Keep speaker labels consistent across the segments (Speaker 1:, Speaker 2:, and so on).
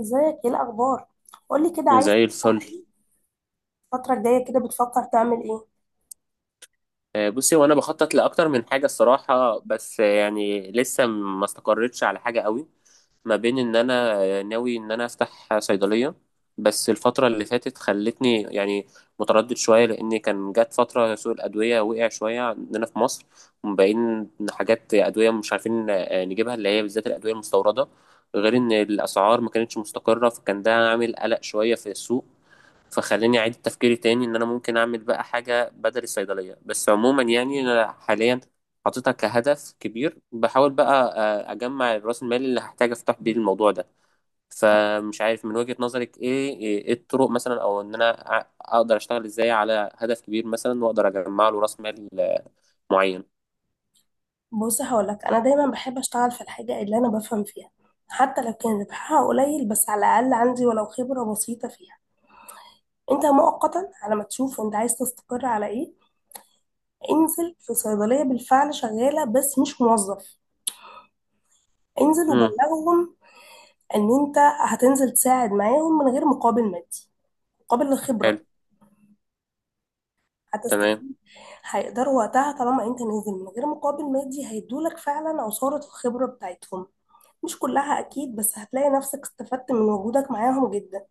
Speaker 1: ازيك؟ ايه الاخبار؟ قولي كده، عايز
Speaker 2: زي
Speaker 1: تفتح
Speaker 2: الفل.
Speaker 1: ايه؟ الفتره الجايه كده بتفكر تعمل ايه؟
Speaker 2: بصي، وانا بخطط لاكتر من حاجه الصراحه، بس يعني لسه ما استقرتش على حاجه قوي. ما بين ان انا ناوي ان انا افتح صيدليه، بس الفتره اللي فاتت خلتني يعني متردد شويه لان كان جت فتره سوق الادويه وقع شويه عندنا في مصر. ومبين إن حاجات ادويه مش عارفين نجيبها، اللي هي بالذات الادويه المستورده. غير ان الاسعار ما كانتش مستقره، فكان ده عامل قلق شويه في السوق، فخلاني اعيد تفكيري تاني ان انا ممكن اعمل بقى حاجه بدل الصيدليه. بس عموما يعني انا حاليا حاططها كهدف كبير، بحاول بقى اجمع راس المال اللي هحتاج افتح بيه الموضوع ده. فمش عارف من وجهة نظرك ايه ايه إيه الطرق مثلا، او ان انا اقدر اشتغل ازاي على هدف كبير مثلا، واقدر اجمع له راس مال معين.
Speaker 1: بص هقولك، انا دايما بحب اشتغل في الحاجه اللي انا بفهم فيها، حتى لو كان ربحها قليل بس على الاقل عندي ولو خبره بسيطه فيها. انت مؤقتا على ما تشوف انت عايز تستقر على ايه، انزل في صيدليه بالفعل شغاله بس مش موظف. انزل
Speaker 2: امم.
Speaker 1: وبلغهم ان انت هتنزل تساعد معاهم من غير مقابل مادي، مقابل الخبره.
Speaker 2: حلو. تمام.
Speaker 1: هتستفيد، هيقدروا وقتها طالما انت نازل من غير مقابل مادي هيدولك فعلا عصارة الخبرة بتاعتهم. مش كلها اكيد، بس هتلاقي نفسك استفدت من وجودك معاهم جدا.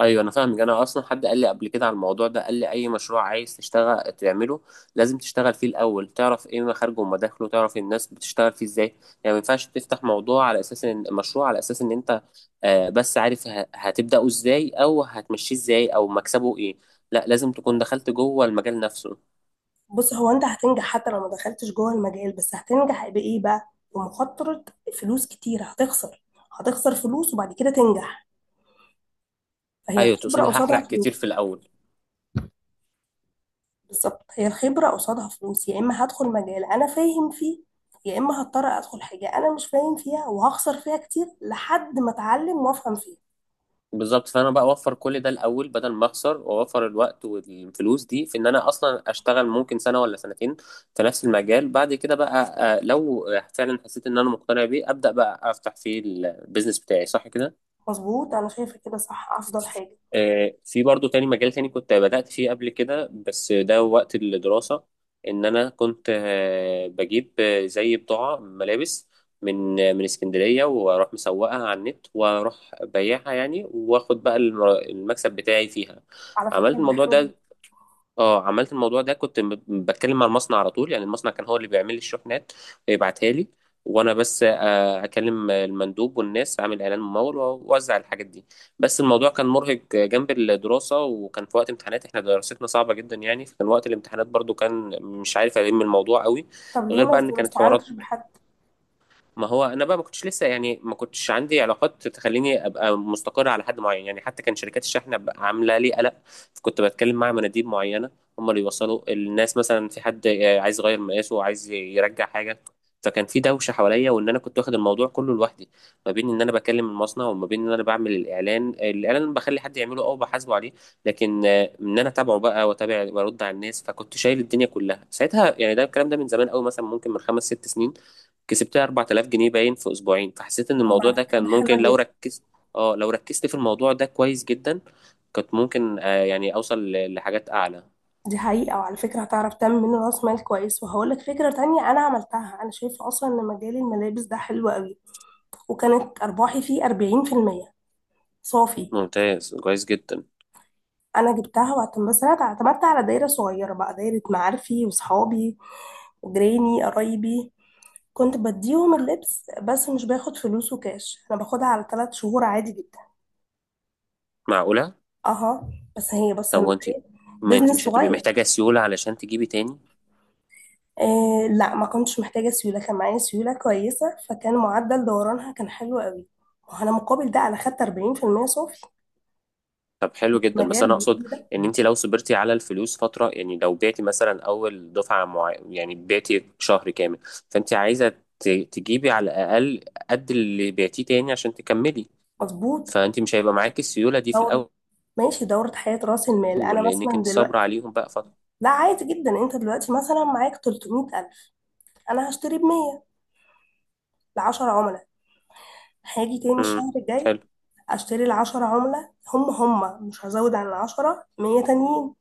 Speaker 2: ايوه، انا فاهمك. انا اصلا حد قال لي قبل كده على الموضوع ده، قال لي اي مشروع عايز تشتغل تعمله لازم تشتغل فيه الاول، تعرف ايه مخارجه ومداخله، تعرف الناس بتشتغل فيه ازاي. يعني ما ينفعش تفتح موضوع على اساس ان مشروع على اساس ان انت بس عارف هتبداه ازاي او هتمشيه ازاي او مكسبه ايه. لا، لازم تكون دخلت جوه المجال نفسه.
Speaker 1: بص، هو انت هتنجح حتى لو ما دخلتش جوه المجال، بس هتنجح بايه بقى؟ بمخاطرة. فلوس كتير هتخسر. هتخسر فلوس وبعد كده تنجح، فهي
Speaker 2: ايوه،
Speaker 1: الخبرة
Speaker 2: تقصدي هحرق
Speaker 1: قصادها
Speaker 2: كتير
Speaker 1: فلوس.
Speaker 2: في الاول.
Speaker 1: بالظبط، هي الخبرة قصادها فلوس. يا اما هدخل مجال انا فاهم فيه، يا اما هضطر ادخل حاجة انا مش فاهم فيها وهخسر فيها كتير لحد ما اتعلم وافهم فيها.
Speaker 2: بالظبط، فانا بقى اوفر كل ده الاول بدل ما اخسر، واوفر الوقت والفلوس دي في ان انا اصلا اشتغل ممكن سنه ولا سنتين في نفس المجال بعد كده بقى. لو فعلا حسيت ان انا مقتنع بيه، ابدا بقى افتح فيه البيزنس بتاعي، صح كده.
Speaker 1: مظبوط، انا شايفه كده، صح، افضل حاجه.
Speaker 2: في برضو تاني مجال تاني كنت بدأت فيه قبل كده، بس ده وقت الدراسة. إن أنا كنت بجيب زي بضاعة ملابس من اسكندرية، وأروح مسوقها على النت وأروح بيعها يعني، وآخد بقى المكسب بتاعي فيها.
Speaker 1: على فكره
Speaker 2: عملت
Speaker 1: دي
Speaker 2: الموضوع
Speaker 1: حلوه جدا.
Speaker 2: ده. اه عملت الموضوع ده، كنت بتكلم مع المصنع على طول يعني، المصنع كان هو اللي بيعمل لي الشحنات ويبعتها لي. وانا بس اكلم المندوب والناس، اعمل اعلان ممول واوزع الحاجات دي. بس الموضوع كان مرهق جنب الدراسه، وكان في وقت امتحانات احنا دراستنا صعبه جدا يعني، فكان وقت الامتحانات برضو كان مش عارف الم الموضوع قوي.
Speaker 1: طب ليه
Speaker 2: غير
Speaker 1: ما
Speaker 2: بقى ان
Speaker 1: ما
Speaker 2: كانت حوارات.
Speaker 1: استعنتش بحد؟
Speaker 2: ما هو انا بقى ما كنتش عندي علاقات تخليني ابقى مستقر على حد معين يعني، حتى كان شركات الشحن بقى عامله لي قلق. كنت بتكلم مع مناديب معينه، هم اللي يوصلوا الناس، مثلا في حد عايز يغير مقاسه، عايز يرجع حاجه. فكان في دوشه حواليا وان انا كنت واخد الموضوع كله لوحدي، ما بين ان انا بكلم المصنع وما بين ان انا بعمل الاعلان، بخلي حد يعمله او بحاسبه عليه. لكن ان انا اتابعه بقى، واتابع، وارد على الناس، فكنت شايل الدنيا كلها ساعتها يعني. ده الكلام ده من زمان قوي، مثلا ممكن من خمس ست سنين. كسبتها 4000 جنيه باين في اسبوعين، فحسيت ان
Speaker 1: طب
Speaker 2: الموضوع
Speaker 1: على
Speaker 2: ده
Speaker 1: فكره
Speaker 2: كان
Speaker 1: دي حلوه
Speaker 2: ممكن لو
Speaker 1: جدا.
Speaker 2: ركزت. اه لو ركزت في الموضوع ده كويس جدا، كنت ممكن يعني اوصل لحاجات اعلى.
Speaker 1: دي حقيقه، وعلى فكره هتعرف تعمل منه راس مال كويس. وهقول لك فكره تانية انا عملتها، انا شايفه اصلا ان مجال الملابس ده حلو قوي، وكانت ارباحي فيه 40% صافي.
Speaker 2: ممتاز، كويس جدا.
Speaker 1: انا جبتها واعتمدت، بس انا اعتمدت على دايره صغيره بقى، دايره معارفي وصحابي وجيراني قرايبي. كنت بديهم اللبس بس مش باخد فلوسه كاش، انا باخدها على ثلاث شهور عادي جدا.
Speaker 2: معقولة؟
Speaker 1: اها. بس هي بص
Speaker 2: طب
Speaker 1: انا،
Speaker 2: وانت، ما انت
Speaker 1: بزنس
Speaker 2: مش هتبقي
Speaker 1: صغير.
Speaker 2: محتاجة سيولة علشان تجيبي تاني؟
Speaker 1: آه لا، ما كنتش محتاجة سيولة، كان معايا سيولة كويسة، فكان معدل دورانها كان حلو قوي. وانا مقابل ده انا خدت 40% صافي.
Speaker 2: طب حلو
Speaker 1: مش
Speaker 2: جدا، بس
Speaker 1: مجال
Speaker 2: انا اقصد
Speaker 1: بيجي ده.
Speaker 2: ان انت لو صبرتي على الفلوس فترة، يعني لو بعتي مثلا اول دفعة، يعني بعتي شهر كامل، فانت عايزة تجيبي على الاقل قد اللي بعتيه تاني عشان تكملي.
Speaker 1: مظبوط.
Speaker 2: فانت مش هيبقى معاكي السيولة دي في
Speaker 1: دورة.
Speaker 2: الاول،
Speaker 1: ماشي، دورة حياة راس المال. انا
Speaker 2: لأنك
Speaker 1: مثلا
Speaker 2: أنت صابرة
Speaker 1: دلوقتي،
Speaker 2: عليهم بقى فترة.
Speaker 1: لا عادي جدا. انت دلوقتي مثلا معاك 300,000، انا هشتري ب 100 ل 10 عملاء، هاجي تاني
Speaker 2: امم.
Speaker 1: الشهر الجاي
Speaker 2: حلو.
Speaker 1: اشتري ال 10 عملاء هم مش هزود عن ال 10، 100 تانيين.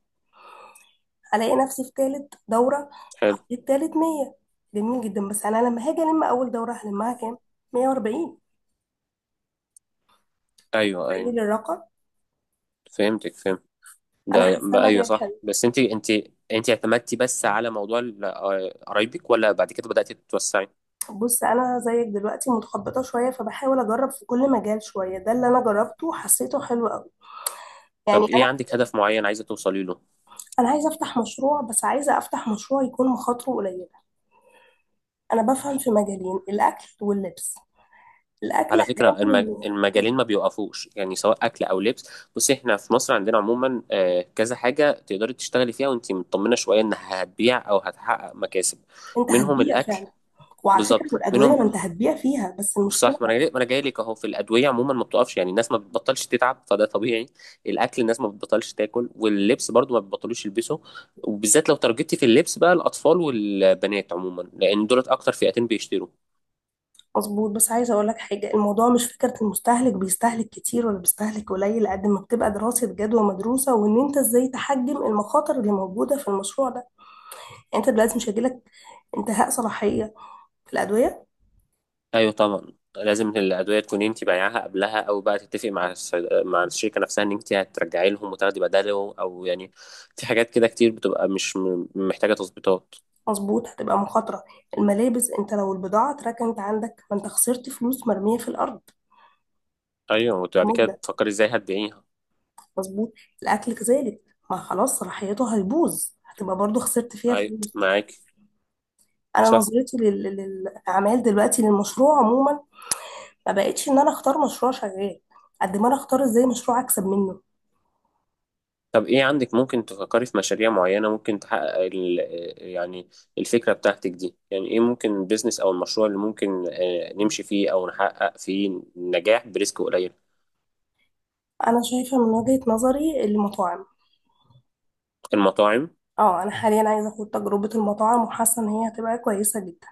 Speaker 1: الاقي نفسي في تالت دوره
Speaker 2: حلو.
Speaker 1: حطيت تالت 100. جميل جدا. بس انا لما هاجي الم اول دوره هلمها كام؟ 140.
Speaker 2: أيوه، أيوه.
Speaker 1: تخيل الرقم.
Speaker 2: فهمتك، فهمت.
Speaker 1: انا
Speaker 2: ده
Speaker 1: حاسه
Speaker 2: بقى
Speaker 1: انا
Speaker 2: أيوه
Speaker 1: جايه
Speaker 2: صح.
Speaker 1: حلو.
Speaker 2: بس أنت اعتمدتي بس على موضوع قرايبك، ولا بعد كده بدأتي تتوسعي؟
Speaker 1: بص، انا زيك دلوقتي متخبطه شويه فبحاول اجرب في كل مجال شويه، ده اللي انا جربته حسيته حلو قوي. يعني
Speaker 2: طب إيه،
Speaker 1: انا،
Speaker 2: عندك هدف معين عايزة توصلي له؟
Speaker 1: انا عايزه افتح مشروع، بس عايزه افتح مشروع يكون مخاطره قليله. انا بفهم في مجالين، الاكل واللبس. الاكل
Speaker 2: على فكرة،
Speaker 1: هتعمل إيه؟
Speaker 2: المجالين ما بيوقفوش يعني، سواء أكل أو لبس. بصي إحنا في مصر عندنا عموما كذا حاجة تقدري تشتغلي فيها وأنت مطمنة شوية إنها هتبيع أو هتحقق مكاسب.
Speaker 1: انت
Speaker 2: منهم
Speaker 1: هتبيع
Speaker 2: الأكل.
Speaker 1: فعلا. وعلى فكرة،
Speaker 2: بالظبط،
Speaker 1: والأدوية
Speaker 2: منهم.
Speaker 1: ما أنت هتبيع فيها، بس المشكلة.
Speaker 2: صح. ما انا جاي لك اهو. في الادويه عموما ما بتقفش يعني، الناس ما بتبطلش تتعب، فده طبيعي. الاكل، الناس ما بتبطلش تاكل، واللبس برضو ما بيبطلوش يلبسه، وبالذات لو ترجتي في اللبس بقى، الاطفال والبنات عموما لان دولت اكتر فئتين بيشتروا.
Speaker 1: مظبوط، بس عايزة أقول لك حاجة، الموضوع مش فكرة المستهلك بيستهلك كتير ولا بيستهلك قليل، قد ما بتبقى دراسة جدوى مدروسة وإن أنت إزاي تحجم المخاطر اللي موجودة في المشروع ده. يعني أنت دلوقتي مش هيجيلك انتهاء صلاحية في الأدوية.
Speaker 2: ايوه طبعا، لازم الادويه تكون انت بايعاها قبلها، او بقى تتفقي مع مع الشركه نفسها ان انت هترجعي لهم وتاخدي بداله، او يعني في حاجات كده كتير بتبقى مش محتاجه تظبيطات.
Speaker 1: مظبوط هتبقى مخاطرة. الملابس، أنت لو البضاعة اتركنت عندك، ما أنت خسرت فلوس مرمية في الأرض
Speaker 2: ايوه، وبعد كده
Speaker 1: بمدة.
Speaker 2: تفكري ازاي هتبيعيها.
Speaker 1: مظبوط. الأكل كذلك، ما خلاص صلاحيته هيبوظ، هتبقى برضو خسرت فيها
Speaker 2: ايوه
Speaker 1: فلوس.
Speaker 2: معاكي.
Speaker 1: أنا
Speaker 2: صح.
Speaker 1: نظرتي للأعمال دلوقتي، للمشروع عموما، ما بقتش ان انا اختار مشروع شغال قد ما انا اختار ازاي مشروع اكسب منه.
Speaker 2: طب ايه عندك؟ ممكن تفكري في مشاريع معينة ممكن تحقق ال يعني الفكرة بتاعتك دي، يعني ايه ممكن البيزنس او المشروع اللي ممكن نمشي فيه او نحقق فيه نجاح بريسك قليل.
Speaker 1: انا شايفه من وجهه نظري، المطاعم.
Speaker 2: المطاعم؟
Speaker 1: اه، انا حاليا عايزه اخد تجربه المطاعم وحاسه ان هي هتبقى كويسه جدا.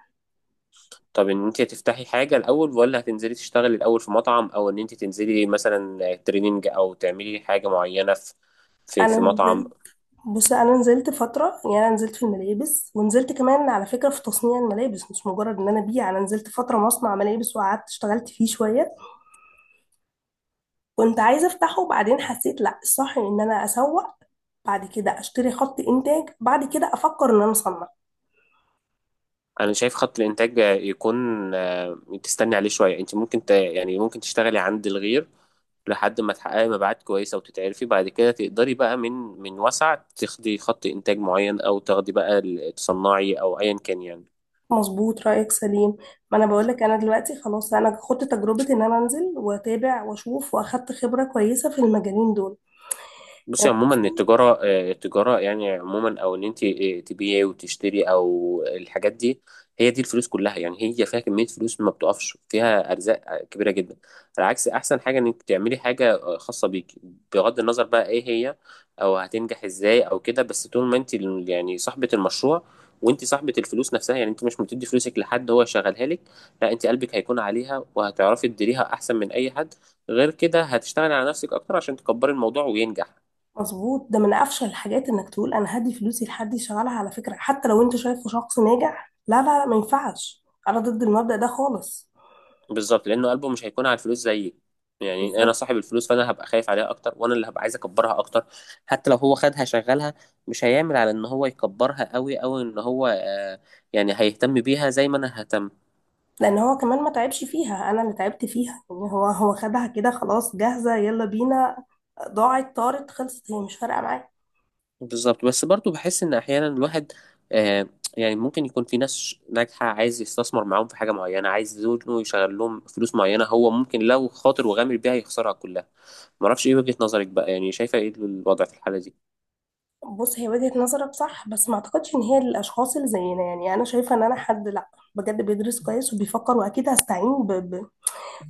Speaker 2: طب ان انت هتفتحي حاجة الاول ولا هتنزلي تشتغلي الاول في مطعم، او ان انت تنزلي مثلا تريننج او تعملي حاجة معينة في في
Speaker 1: انا
Speaker 2: في مطعم.
Speaker 1: نزلت، بص انا نزلت فتره، يعني انا نزلت في الملابس ونزلت كمان على فكره في تصنيع الملابس، مش مجرد ان انا ابيع. انا نزلت فتره مصنع ملابس وقعدت اشتغلت فيه شويه، كنت عايزه افتحه، وبعدين حسيت لا، الصح ان انا اسوق بعد كده اشتري خط انتاج بعد كده افكر ان انا اصنع.
Speaker 2: انا شايف خط الانتاج يكون تستني عليه شويه، انت ممكن يعني ممكن تشتغلي عند الغير لحد ما تحققي مبيعات كويسه وتتعرفي، بعد كده تقدري بقى من وسع تاخدي خط انتاج معين او تاخدي بقى تصنعي او ايا كان يعني.
Speaker 1: مظبوط، رأيك سليم. ما انا بقولك انا دلوقتي خلاص انا خدت تجربة ان انا انزل واتابع واشوف، واخدت خبرة كويسة في المجالين دول
Speaker 2: بصي
Speaker 1: يعني.
Speaker 2: عموما، التجارة يعني عموما، أو إن أنت تبيعي وتشتري أو الحاجات دي، هي دي الفلوس كلها يعني، هي فيها كمية فلوس ما بتقفش، فيها أرزاق كبيرة جدا. على عكس، أحسن حاجة إنك تعملي حاجة خاصة بيك، بغض النظر بقى إيه هي أو هتنجح إزاي أو كده، بس طول ما أنت يعني صاحبة المشروع وأنت صاحبة الفلوس نفسها، يعني أنت مش بتدي فلوسك لحد هو يشغلها لك. لا، أنت قلبك هيكون عليها وهتعرفي تديريها أحسن من أي حد، غير كده هتشتغلي على نفسك أكتر عشان تكبري الموضوع وينجح.
Speaker 1: مظبوط، ده من افشل الحاجات انك تقول انا هدي فلوسي لحد يشغلها. على فكرة، حتى لو انت شايفه شخص ناجح، لا لا لا، ما ينفعش، انا ضد المبدأ ده خالص.
Speaker 2: بالظبط، لانه قلبه مش هيكون على الفلوس زيي، يعني انا
Speaker 1: بالظبط.
Speaker 2: صاحب الفلوس فانا هبقى خايف عليها اكتر وانا اللي هبقى عايز اكبرها اكتر. حتى لو هو خدها شغلها، مش هيعمل على ان هو يكبرها قوي او ان هو يعني هيهتم بيها زي ما انا ههتم.
Speaker 1: لان هو كمان ما تعبش فيها، انا اللي تعبت فيها، يعني هو، هو خدها كده خلاص جاهزة، يلا بينا، ضاعت طارت خلصت، هي مش فارقة معايا.
Speaker 2: بالظبط. بس برضو بحس ان احيانا الواحد آه يعني ممكن يكون في ناس ناجحة عايز يستثمر معاهم في حاجة معينة، عايز زوجته يشغل لهم فلوس معينة، هو ممكن لو خاطر وغامر بيها يخسرها كلها. معرفش، ايه وجهة نظرك بقى، يعني شايفة ايه الوضع في الحالة دي؟
Speaker 1: بص، هي وجهة نظرك صح، بس ما اعتقدش ان هي للاشخاص اللي زينا. يعني انا شايفه ان انا حد، لا بجد، بيدرس كويس وبيفكر، واكيد هستعين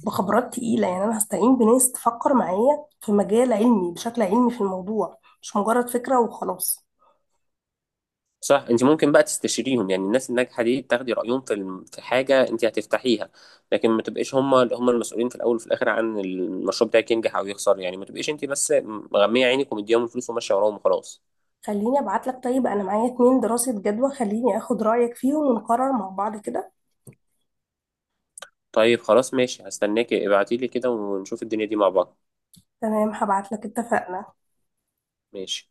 Speaker 1: بخبرات تقيله. يعني انا هستعين بناس تفكر معايا في مجال علمي بشكل علمي في الموضوع، مش مجرد فكره وخلاص.
Speaker 2: صح، انت ممكن بقى تستشيريهم يعني، الناس الناجحه دي تاخدي رايهم في في حاجه انت هتفتحيها. لكن ما تبقيش هم اللي هم المسؤولين في الاول وفي الاخر عن المشروع بتاعك ينجح او يخسر، يعني ما تبقيش انت بس مغميه عينك ومديهم الفلوس وماشيه وراهم وخلاص.
Speaker 1: خليني ابعت لك، طيب انا معايا اتنين دراسه جدوى، خليني اخد رايك فيهم ونقرر مع بعض كده.
Speaker 2: طيب خلاص ماشي، هستناكي. ابعتي لي كده ونشوف الدنيا دي مع بعض.
Speaker 1: تمام هبعت لك، اتفقنا.
Speaker 2: ماشي.